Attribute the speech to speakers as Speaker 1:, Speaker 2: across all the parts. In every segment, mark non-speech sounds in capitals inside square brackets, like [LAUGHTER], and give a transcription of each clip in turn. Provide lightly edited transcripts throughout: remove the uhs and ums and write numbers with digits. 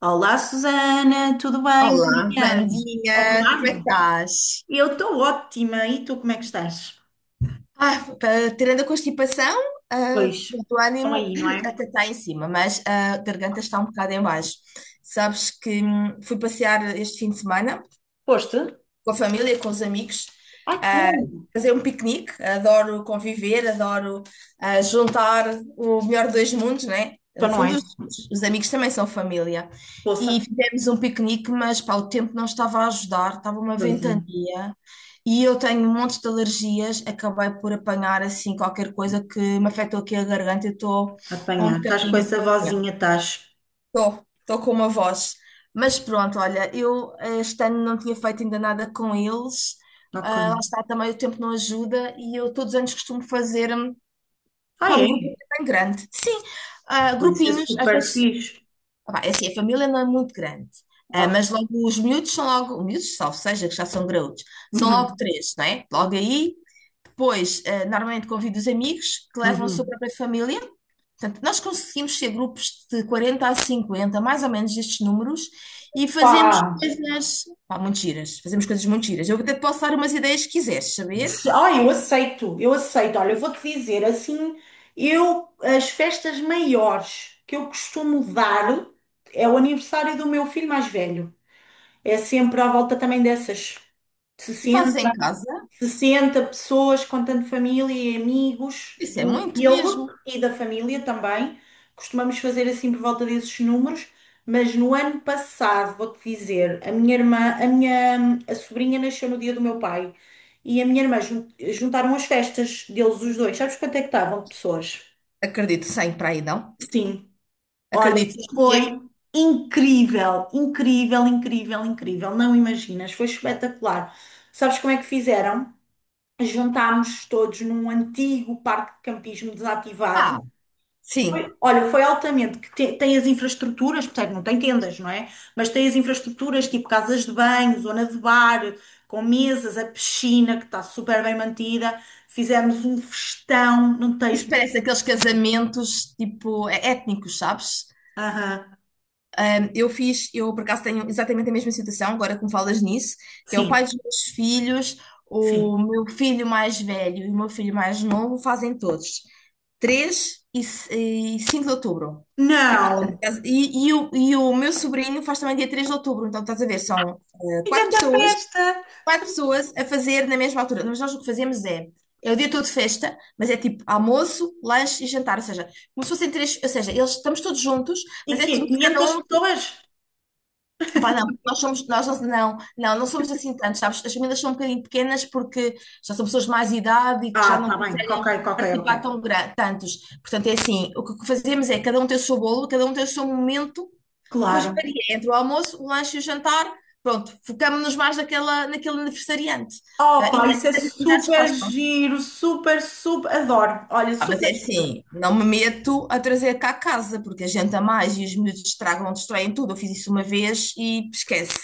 Speaker 1: Olá, Susana, tudo bem? Bom
Speaker 2: Olá,
Speaker 1: dia. Ou boa
Speaker 2: Vandinha, como é que
Speaker 1: tarde.
Speaker 2: estás?
Speaker 1: Eu estou ótima. E tu, como é que estás?
Speaker 2: Tirando a constipação,
Speaker 1: Pois,
Speaker 2: o teu
Speaker 1: estão
Speaker 2: ânimo
Speaker 1: aí, não
Speaker 2: [CLEARS THROAT]
Speaker 1: é?
Speaker 2: até está em cima, mas a garganta está um bocado em baixo. Sabes que fui passear este fim de semana
Speaker 1: Foste?
Speaker 2: com a família, com os amigos,
Speaker 1: Ai, que
Speaker 2: ah,
Speaker 1: bom.
Speaker 2: fazer um piquenique. Adoro conviver, adoro juntar o melhor dos mundos, né?
Speaker 1: Então
Speaker 2: No
Speaker 1: não
Speaker 2: fundo,
Speaker 1: é?
Speaker 2: os amigos também são família. E
Speaker 1: Poça.
Speaker 2: fizemos um piquenique, mas pá, o tempo não estava a ajudar, estava uma
Speaker 1: Pois é.
Speaker 2: ventania. E eu tenho um monte de alergias, acabei por apanhar assim qualquer coisa que me afetou aqui a garganta, eu estou um
Speaker 1: Apanhar. Estás com
Speaker 2: bocadinho
Speaker 1: essa
Speaker 2: doente.
Speaker 1: vozinha, estás.
Speaker 2: Estou com uma voz. Mas pronto, olha, eu este ano não tinha feito ainda nada com eles.
Speaker 1: Ok.
Speaker 2: Ah, lá está, também o tempo não ajuda e eu todos os anos costumo fazer
Speaker 1: Ah,
Speaker 2: pá, um
Speaker 1: é?
Speaker 2: grupo bem grande. Sim,
Speaker 1: Isso é
Speaker 2: grupinhos, às
Speaker 1: super
Speaker 2: vezes,
Speaker 1: fixe.
Speaker 2: pá, é assim, a família não é muito grande. Ah,
Speaker 1: Ah.
Speaker 2: mas logo os miúdos são logo miúdos, salvo seja, que já são graúdos, são logo
Speaker 1: Uhum.
Speaker 2: três, não é? Logo aí, depois, normalmente convido os amigos que levam a sua
Speaker 1: Uhum.
Speaker 2: própria família. Portanto, nós conseguimos ser grupos de 40 a 50, mais ou menos destes números, e fazemos
Speaker 1: Pá,
Speaker 2: coisas, pá, muito giras, fazemos coisas muito giras. Eu até te posso dar umas ideias, que quiseres saber,
Speaker 1: Eu aceito, eu aceito. Olha, eu vou-te dizer assim, eu as festas maiores que eu costumo dar é o aniversário do meu filho mais velho. É sempre à volta também dessas
Speaker 2: e fazes em
Speaker 1: 60,
Speaker 2: casa,
Speaker 1: 60 pessoas, contando família e amigos
Speaker 2: isso é
Speaker 1: do
Speaker 2: muito
Speaker 1: ele
Speaker 2: mesmo.
Speaker 1: e da família também. Costumamos fazer assim por volta desses números, mas no ano passado, vou-te dizer, a minha irmã, a minha a sobrinha nasceu no dia do meu pai e a minha irmã juntaram as festas deles os dois. Sabes quanto é que estavam de pessoas?
Speaker 2: Acredito, sem para aí não.
Speaker 1: Sim, olha,
Speaker 2: Acredito em quê?
Speaker 1: foi incrível, incrível, incrível, incrível. Não imaginas, foi espetacular. Sabes como é que fizeram? Juntámos todos num antigo parque de campismo
Speaker 2: Ah,
Speaker 1: desativado.
Speaker 2: sim.
Speaker 1: Foi, olha, foi altamente, tem as infraestruturas, portanto, não tem tendas, não é? Mas tem as infraestruturas tipo casas de banho, zona de bar, com mesas, a piscina que está super bem mantida. Fizemos um festão, não tens.
Speaker 2: Isso parece aqueles casamentos, tipo, étnicos, sabes?
Speaker 1: Aham,
Speaker 2: Eu fiz, eu por acaso tenho exatamente a mesma situação, agora que me falas nisso, que é o pai
Speaker 1: sim,
Speaker 2: dos meus filhos, o
Speaker 1: sim.
Speaker 2: meu filho mais velho e o meu filho mais novo fazem todos, 3 e 5 de outubro. E,
Speaker 1: Não!
Speaker 2: portanto, e o meu sobrinho faz também dia 3 de outubro, então estás a ver, são
Speaker 1: Que grande festa!
Speaker 2: quatro pessoas a fazer na mesma altura. Mas nós o que fazemos é o dia todo de festa, mas é tipo almoço, lanche e jantar, ou seja, como se fossem três, ou seja, eles estamos todos juntos,
Speaker 1: E
Speaker 2: mas é
Speaker 1: quê?
Speaker 2: como se
Speaker 1: 500
Speaker 2: cada um.
Speaker 1: pessoas?
Speaker 2: Pá, não, nós somos, nós não, não, não, não somos assim tantos, sabes? As famílias são um bocadinho pequenas porque já são pessoas de mais idade e que já
Speaker 1: Ah,
Speaker 2: não
Speaker 1: tá bem, ok,
Speaker 2: conseguem
Speaker 1: ok, ok.
Speaker 2: participar tão tantos. Portanto, é assim, o que fazemos é cada um tem o seu bolo, cada um tem o seu momento, depois
Speaker 1: Claro.
Speaker 2: varia entre o almoço, o lanche e o jantar, pronto, focamos-nos mais naquela, naquele aniversariante. E
Speaker 1: Opa,
Speaker 2: nas
Speaker 1: isso é
Speaker 2: nas atividades que
Speaker 1: super
Speaker 2: gostam.
Speaker 1: giro, super, super, adoro. Olha,
Speaker 2: Ah, mas
Speaker 1: super
Speaker 2: é
Speaker 1: giro.
Speaker 2: assim, não me meto a trazer cá a casa, porque a gente a mais e os miúdos estragam, destroem tudo. Eu fiz isso uma vez e esquece.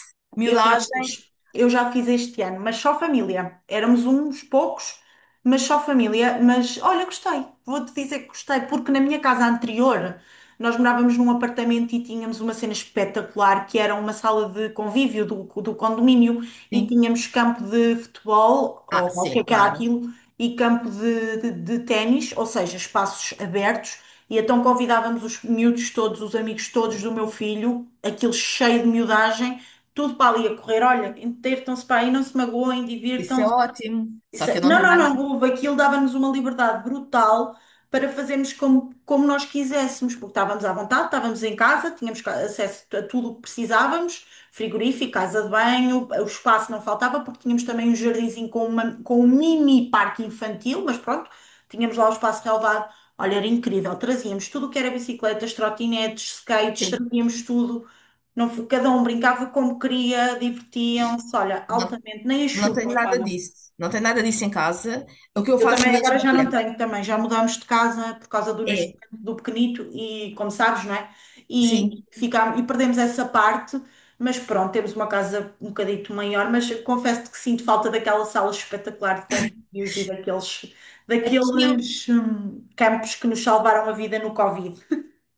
Speaker 2: Miudagem,
Speaker 1: Eu já fiz este ano, mas só família. Éramos uns poucos, mas só família. Mas olha, gostei, vou-te dizer que gostei, porque na minha casa anterior nós morávamos num apartamento e tínhamos uma cena espetacular que era uma sala de convívio do, do condomínio e
Speaker 2: sim.
Speaker 1: tínhamos campo de futebol, ou
Speaker 2: Ah,
Speaker 1: o que é
Speaker 2: sim,
Speaker 1: que era
Speaker 2: claro.
Speaker 1: aquilo, e campo de ténis, ou seja, espaços abertos. E então convidávamos os miúdos todos, os amigos todos do meu filho, aquilo cheio de miudagem tudo para ali a correr. Olha, entretam-se para aí, não se magoem,
Speaker 2: Isso é
Speaker 1: divirtam-se.
Speaker 2: ótimo. Só que eu não
Speaker 1: Não,
Speaker 2: tenho
Speaker 1: não, não,
Speaker 2: nada.
Speaker 1: houve. Aquilo dava-nos uma liberdade brutal para fazermos como, como nós quiséssemos, porque estávamos à vontade, estávamos em casa, tínhamos acesso a tudo o que precisávamos, frigorífico, casa de banho, o espaço não faltava, porque tínhamos também um jardinzinho com, com um mini parque infantil, mas pronto, tínhamos lá o espaço relevado. Olha, era incrível, trazíamos tudo o que era bicicletas, trotinetes, skates,
Speaker 2: Sim,
Speaker 1: trazíamos tudo. Não, cada um brincava como queria, divertiam-se, olha,
Speaker 2: não,
Speaker 1: altamente, nem a
Speaker 2: não tenho
Speaker 1: chuva,
Speaker 2: nada disso. Não tenho nada disso em casa. O que eu
Speaker 1: eu
Speaker 2: faço
Speaker 1: também
Speaker 2: mesmo,
Speaker 1: agora já não
Speaker 2: olha,
Speaker 1: tenho também, já mudámos de casa por causa do nascimento
Speaker 2: é,
Speaker 1: do pequenito e como sabes, não é? E,
Speaker 2: sim,
Speaker 1: ficámos, e perdemos essa parte, mas pronto, temos uma casa um bocadito maior, mas confesso que sinto falta daquela sala espetacular de convívios e daqueles,
Speaker 2: aqui.
Speaker 1: daqueles campos que nos salvaram a vida no Covid.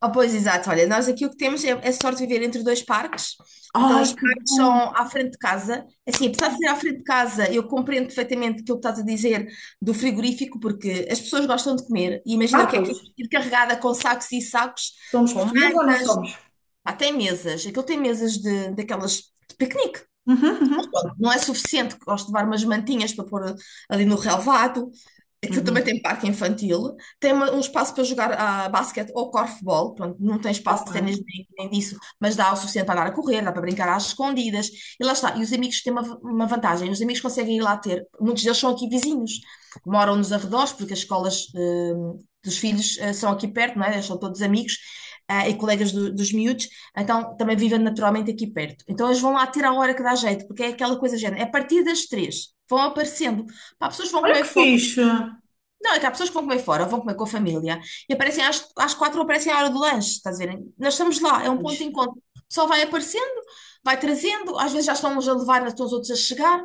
Speaker 2: Ah, pois, exato. Olha, nós aqui o que temos é sorte de viver entre dois parques. Então, os
Speaker 1: Ai, que
Speaker 2: parques são
Speaker 1: bom!
Speaker 2: à frente de casa. Assim, apesar de ser à frente de casa, eu compreendo perfeitamente aquilo que estás a dizer do frigorífico, porque as pessoas gostam de comer. E imagina o
Speaker 1: Ah,
Speaker 2: que é
Speaker 1: pois,
Speaker 2: ir carregada com sacos e sacos,
Speaker 1: somos
Speaker 2: com
Speaker 1: portugueses ou não somos?
Speaker 2: pá, tem mesas, aquilo tem mesas de, daquelas de piquenique.
Speaker 1: Uhum, uhum,
Speaker 2: Pronto, não é suficiente, gosto de levar umas mantinhas para pôr ali no relvado. Aquilo também
Speaker 1: uhum.
Speaker 2: tem parque infantil. Tem um espaço para jogar basquete ou corfball. Pronto, não tem espaço de
Speaker 1: Ok.
Speaker 2: ténis nem, disso, mas dá o suficiente para andar a correr, dá para brincar às escondidas. E lá está. E os amigos têm uma vantagem: os amigos conseguem ir lá ter. Muitos deles são aqui vizinhos, moram nos arredores, porque as escolas dos filhos são aqui perto, não é? Eles são todos amigos e colegas dos miúdos. Então, também vivem naturalmente aqui perto. Então, eles vão lá ter a hora que dá jeito, porque é aquela coisa do género. É a partir das três, vão aparecendo. Pá, pessoas que vão
Speaker 1: Olha
Speaker 2: comer
Speaker 1: que
Speaker 2: fora.
Speaker 1: fixe!
Speaker 2: Não, é que há pessoas que vão comer fora, vão comer com a família. E aparecem às quatro, ou aparecem à hora do lanche, estás a ver? Nós estamos lá, é um ponto de
Speaker 1: Pois.
Speaker 2: encontro. Só vai aparecendo, vai trazendo, às vezes já estão uns a levar, já estão os outros a chegar.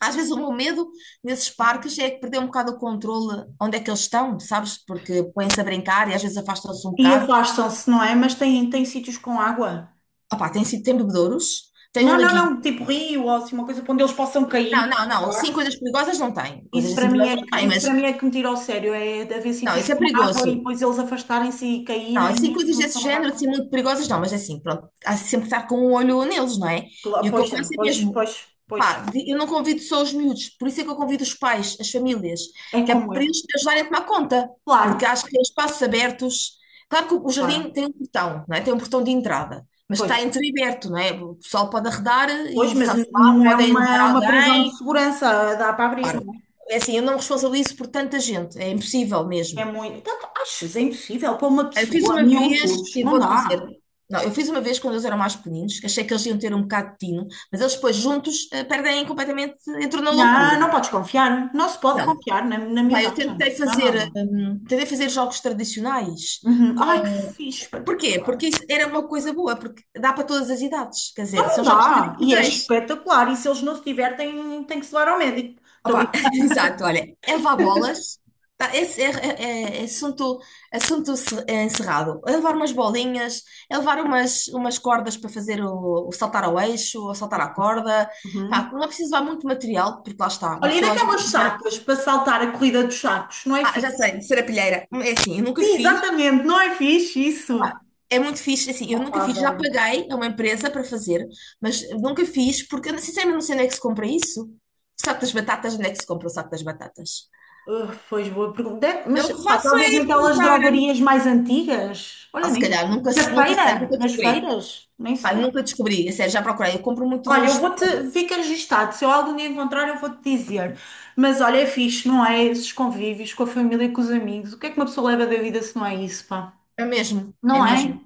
Speaker 2: Às vezes o meu medo nesses parques é perder um bocado o controle onde é que eles estão, sabes? Porque põem-se a brincar e às vezes afastam-se um
Speaker 1: E
Speaker 2: bocado.
Speaker 1: afastam-se, não é? Mas têm, têm sítios com água.
Speaker 2: Ah pá, tem sido, tem bebedouros, tem um
Speaker 1: Não, não,
Speaker 2: laguinho.
Speaker 1: não, tipo rio ou assim, uma coisa para onde eles possam
Speaker 2: Não,
Speaker 1: cair e
Speaker 2: não, não. Sim,
Speaker 1: salvar-se.
Speaker 2: coisas perigosas não tem.
Speaker 1: Isso
Speaker 2: Coisas
Speaker 1: para
Speaker 2: assim
Speaker 1: mim
Speaker 2: perigosas
Speaker 1: é
Speaker 2: não
Speaker 1: que,
Speaker 2: tem,
Speaker 1: isso para mim
Speaker 2: mas
Speaker 1: é que me tira ao sério, é de haver
Speaker 2: não,
Speaker 1: sítios
Speaker 2: isso é
Speaker 1: com água e
Speaker 2: perigoso.
Speaker 1: depois eles afastarem-se e
Speaker 2: Não, assim,
Speaker 1: caírem. E
Speaker 2: coisas
Speaker 1: uma
Speaker 2: desse
Speaker 1: pessoa não dá
Speaker 2: género, assim,
Speaker 1: conta.
Speaker 2: muito perigosas não, mas é assim, pronto, há sempre que estar com um olho neles, não é?
Speaker 1: Claro.
Speaker 2: E o que
Speaker 1: Pois,
Speaker 2: eu faço é
Speaker 1: pois,
Speaker 2: mesmo,
Speaker 1: pois, pois.
Speaker 2: pá, eu não convido só os miúdos, por isso é que eu convido os pais, as famílias,
Speaker 1: É
Speaker 2: que é
Speaker 1: como
Speaker 2: para
Speaker 1: eu.
Speaker 2: eles te ajudarem a tomar conta, porque
Speaker 1: Claro,
Speaker 2: acho que em espaços abertos, claro que o jardim
Speaker 1: claro.
Speaker 2: tem um portão, não é? Tem um portão de entrada, mas que
Speaker 1: Pois,
Speaker 2: está entreaberto, não é? O pessoal pode arredar
Speaker 1: pois,
Speaker 2: e
Speaker 1: mas
Speaker 2: safar,
Speaker 1: não é
Speaker 2: podem levar
Speaker 1: uma prisão de
Speaker 2: alguém,
Speaker 1: segurança, dá para abrir,
Speaker 2: claro.
Speaker 1: não é?
Speaker 2: É assim, eu não me responsabilizo por tanta gente, é impossível
Speaker 1: É
Speaker 2: mesmo.
Speaker 1: muito. Então, achas, é impossível para uma
Speaker 2: Eu fiz
Speaker 1: pessoa,
Speaker 2: uma vez,
Speaker 1: miúdos,
Speaker 2: e
Speaker 1: não
Speaker 2: vou-te dizer,
Speaker 1: dá.
Speaker 2: não, eu fiz uma vez quando eles eram mais pequeninos, que achei que eles iam ter um bocado de tino, mas eles depois juntos perdem completamente, entram na loucura.
Speaker 1: Não, não podes confiar. Não se pode
Speaker 2: Não,
Speaker 1: confiar na, na
Speaker 2: pá, eu
Speaker 1: miudagem. Não, não, não.
Speaker 2: tentei fazer jogos tradicionais
Speaker 1: Uhum. Ai, que
Speaker 2: com...
Speaker 1: fixe,
Speaker 2: Porquê?
Speaker 1: espetacular.
Speaker 2: Porque isso era uma coisa boa, porque dá para todas as idades, quer dizer,
Speaker 1: Não
Speaker 2: são jogos
Speaker 1: dá. E é
Speaker 2: tradicionais.
Speaker 1: espetacular. E se eles não se divertem, tem que se levar ao médico. Estou
Speaker 2: Opa, [LAUGHS]
Speaker 1: brincando.
Speaker 2: exato, olha, Eva Bolas, tá, esse é assunto, é encerrado. É levar umas bolinhas, é levar umas cordas para fazer o saltar ao eixo, ou saltar à corda. Pá,
Speaker 1: Uhum.
Speaker 2: não é preciso levar muito material, porque lá está, uma
Speaker 1: Olha, e
Speaker 2: pessoa já tem
Speaker 1: daquelas
Speaker 2: que levar.
Speaker 1: sacas para saltar a corrida dos sacos? Não é
Speaker 2: Ah, já
Speaker 1: fixe?
Speaker 2: sei, serapilheira. É assim, eu nunca
Speaker 1: Sim,
Speaker 2: fiz.
Speaker 1: exatamente. Não é fixe isso.
Speaker 2: Pá, é muito fixe, assim, eu
Speaker 1: Opa,
Speaker 2: nunca fiz, já
Speaker 1: adoro.
Speaker 2: paguei a uma empresa para fazer, mas nunca fiz, porque eu sinceramente não sei onde é que se compra isso. O saco das batatas, onde é que se compra o saco das batatas?
Speaker 1: Pois boa pergunta. Deve- mas
Speaker 2: Eu que
Speaker 1: pá,
Speaker 2: faço
Speaker 1: talvez
Speaker 2: é ir
Speaker 1: naquelas
Speaker 2: comprar.
Speaker 1: drogarias mais antigas.
Speaker 2: Ah,
Speaker 1: Olha,
Speaker 2: se
Speaker 1: nem.
Speaker 2: calhar, nunca,
Speaker 1: Na
Speaker 2: nunca, sei,
Speaker 1: feira?
Speaker 2: nunca
Speaker 1: Nas
Speaker 2: descobri.
Speaker 1: feiras? Nem
Speaker 2: Pá,
Speaker 1: sei.
Speaker 2: nunca descobri. É sério, já procurei. Eu compro muito
Speaker 1: Olha, eu
Speaker 2: nos.
Speaker 1: vou-te, fica registado. Se eu algum dia encontrar, eu vou-te dizer. Mas olha, é fixe, não é? Esses convívios com a família e com os amigos. O que é que uma pessoa leva da vida se não é isso, pá?
Speaker 2: É mesmo, é
Speaker 1: Não é?
Speaker 2: mesmo,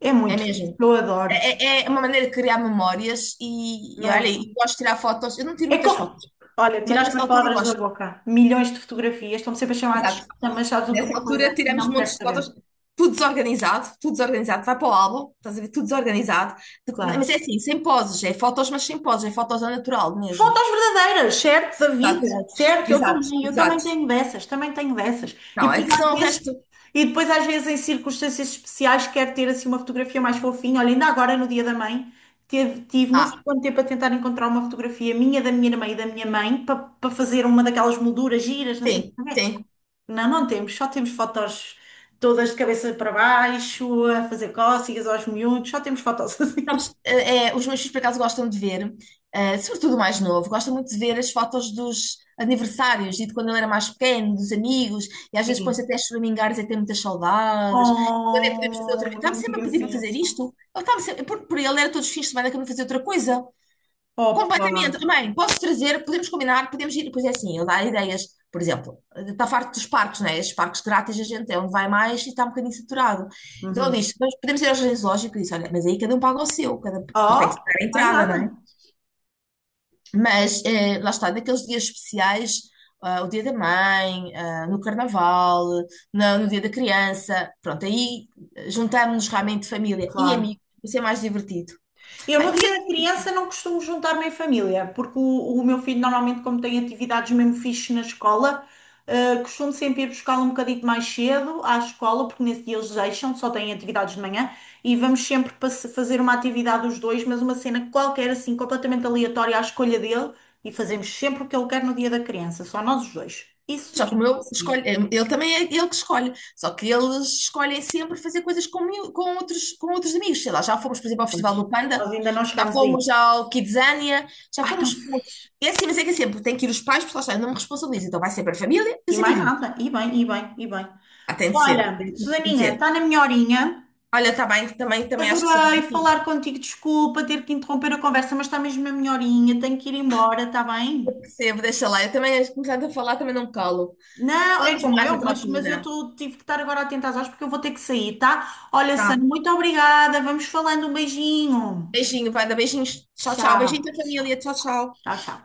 Speaker 1: É
Speaker 2: é
Speaker 1: muito fixe,
Speaker 2: mesmo.
Speaker 1: eu adoro.
Speaker 2: É uma maneira de criar memórias e
Speaker 1: Não é?
Speaker 2: olha, e gosto de tirar fotos. Eu não tiro
Speaker 1: É
Speaker 2: muitas
Speaker 1: como...
Speaker 2: fotos,
Speaker 1: Olha,
Speaker 2: mas
Speaker 1: tiraste
Speaker 2: nessa
Speaker 1: umas
Speaker 2: altura eu
Speaker 1: palavras da
Speaker 2: gosto.
Speaker 1: boca. Milhões de fotografias, estão sempre a chamar de
Speaker 2: Exato.
Speaker 1: chata, mas sabes o que é
Speaker 2: Nessa
Speaker 1: uma coisa?
Speaker 2: altura tiramos
Speaker 1: Não
Speaker 2: montes
Speaker 1: quero
Speaker 2: de
Speaker 1: saber.
Speaker 2: fotos, tudo desorganizado, tudo desorganizado. Vai para o álbum, estás a ver, tudo desorganizado.
Speaker 1: Claro.
Speaker 2: Mas é assim, sem poses, é fotos, mas sem poses, é fotos ao natural mesmo.
Speaker 1: Fotos verdadeiras, certo? Da vida,
Speaker 2: Exato,
Speaker 1: certo?
Speaker 2: exato,
Speaker 1: Eu também
Speaker 2: exato.
Speaker 1: tenho dessas, também tenho dessas. E
Speaker 2: Não, é
Speaker 1: depois
Speaker 2: que são
Speaker 1: às
Speaker 2: o
Speaker 1: vezes,
Speaker 2: resto.
Speaker 1: e depois às vezes em circunstâncias especiais quero ter assim uma fotografia mais fofinha. Olha, ainda agora no Dia da Mãe teve, tive não sei
Speaker 2: Ah,
Speaker 1: quanto tempo a tentar encontrar uma fotografia minha, da minha irmã e da minha mãe para para fazer uma daquelas molduras giras, não sei
Speaker 2: sim,
Speaker 1: o que é.
Speaker 2: sim.
Speaker 1: Não, não temos, só temos fotos todas de cabeça para baixo, a fazer cócegas aos miúdos, só temos fotos assim.
Speaker 2: Sabes,
Speaker 1: [LAUGHS]
Speaker 2: os meus filhos, por acaso, gostam de ver, sobretudo o mais novo, gostam muito de ver as fotos dos aniversários e de quando ele era mais pequeno, dos amigos, e às vezes põe-se até a choramingar e dizer que tem muitas saudades. Quando é que podemos fazer outra vez?
Speaker 1: Oh, não
Speaker 2: Está-me
Speaker 1: me
Speaker 2: sempre a
Speaker 1: digas
Speaker 2: pedir para fazer
Speaker 1: isso.
Speaker 2: isto. Ele estava sempre, por ele era todos os fins de semana que eu me fazia outra coisa. Completamente,
Speaker 1: Opa!
Speaker 2: também. Posso trazer, podemos combinar, podemos ir, pois é assim, eu dar ideias. Por exemplo, está farto dos parques, né? Estes parques grátis, a gente é onde vai mais e está um bocadinho saturado. Então ele
Speaker 1: Uhum.
Speaker 2: diz: "Nós podemos ir ao jardim zoológico", e disse, olha, mas aí cada um paga o seu, cada, porque tem
Speaker 1: Oh,
Speaker 2: que se dar a
Speaker 1: não é
Speaker 2: entrada, não é?
Speaker 1: nada,
Speaker 2: Mas lá está, naqueles dias especiais, o Dia da Mãe, no Carnaval, no Dia da Criança, pronto, aí juntamos-nos realmente família e
Speaker 1: claro.
Speaker 2: amigos, isso é mais divertido.
Speaker 1: Eu
Speaker 2: Bem,
Speaker 1: no dia da criança não costumo juntar-me em família, porque o meu filho normalmente, como tem atividades mesmo fixe na escola, costumo sempre ir buscá-lo um bocadinho mais cedo à escola, porque nesse dia eles deixam, só têm atividades de manhã, e vamos sempre fazer uma atividade os dois, mas uma cena qualquer, assim, completamente aleatória à escolha dele, e fazemos sempre o que ele quer no dia da criança, só nós os dois.
Speaker 2: mas
Speaker 1: Isso
Speaker 2: só
Speaker 1: é
Speaker 2: que
Speaker 1: o.
Speaker 2: o meu escolhe, ele também é ele que escolhe, só que eles escolhem sempre fazer coisas com, com outros amigos, sei lá, já fomos, por exemplo, ao Festival do Panda,
Speaker 1: Nós ainda não
Speaker 2: já
Speaker 1: chegámos a
Speaker 2: fomos
Speaker 1: isso.
Speaker 2: ao Kidzania, já
Speaker 1: Ai, tão
Speaker 2: fomos.
Speaker 1: fixe.
Speaker 2: É assim, mas é que é sempre, tem que ir os pais, porque lá está, eu não me responsabilizo, então vai sempre a família e
Speaker 1: E
Speaker 2: os
Speaker 1: mais
Speaker 2: amiguinhos.
Speaker 1: nada. E bem, e bem, e bem.
Speaker 2: Ah, tem de
Speaker 1: Olha,
Speaker 2: ser, tem de
Speaker 1: Susaninha,
Speaker 2: dizer.
Speaker 1: está na minha horinha.
Speaker 2: Olha, está bem, também, também acho que sim,
Speaker 1: Adorei
Speaker 2: tem que ir.
Speaker 1: falar contigo. Desculpa ter que interromper a conversa, mas está mesmo na minha horinha. Tenho que ir embora, está bem?
Speaker 2: Percebo, deixa lá, eu também, começando a falar, também não me calo.
Speaker 1: Não, é
Speaker 2: Falamos
Speaker 1: como
Speaker 2: mais
Speaker 1: eu,
Speaker 2: noutra
Speaker 1: mas eu
Speaker 2: altura.
Speaker 1: tô, tive que estar agora atenta às horas porque eu vou ter que sair, tá? Olha,
Speaker 2: Tá,
Speaker 1: Sandra, muito obrigada. Vamos falando. Um beijinho.
Speaker 2: beijinho, vai dar beijinhos, tchau, tchau,
Speaker 1: Tchau,
Speaker 2: beijinho da
Speaker 1: tchau,
Speaker 2: família, tchau, tchau.
Speaker 1: tchau, tchau.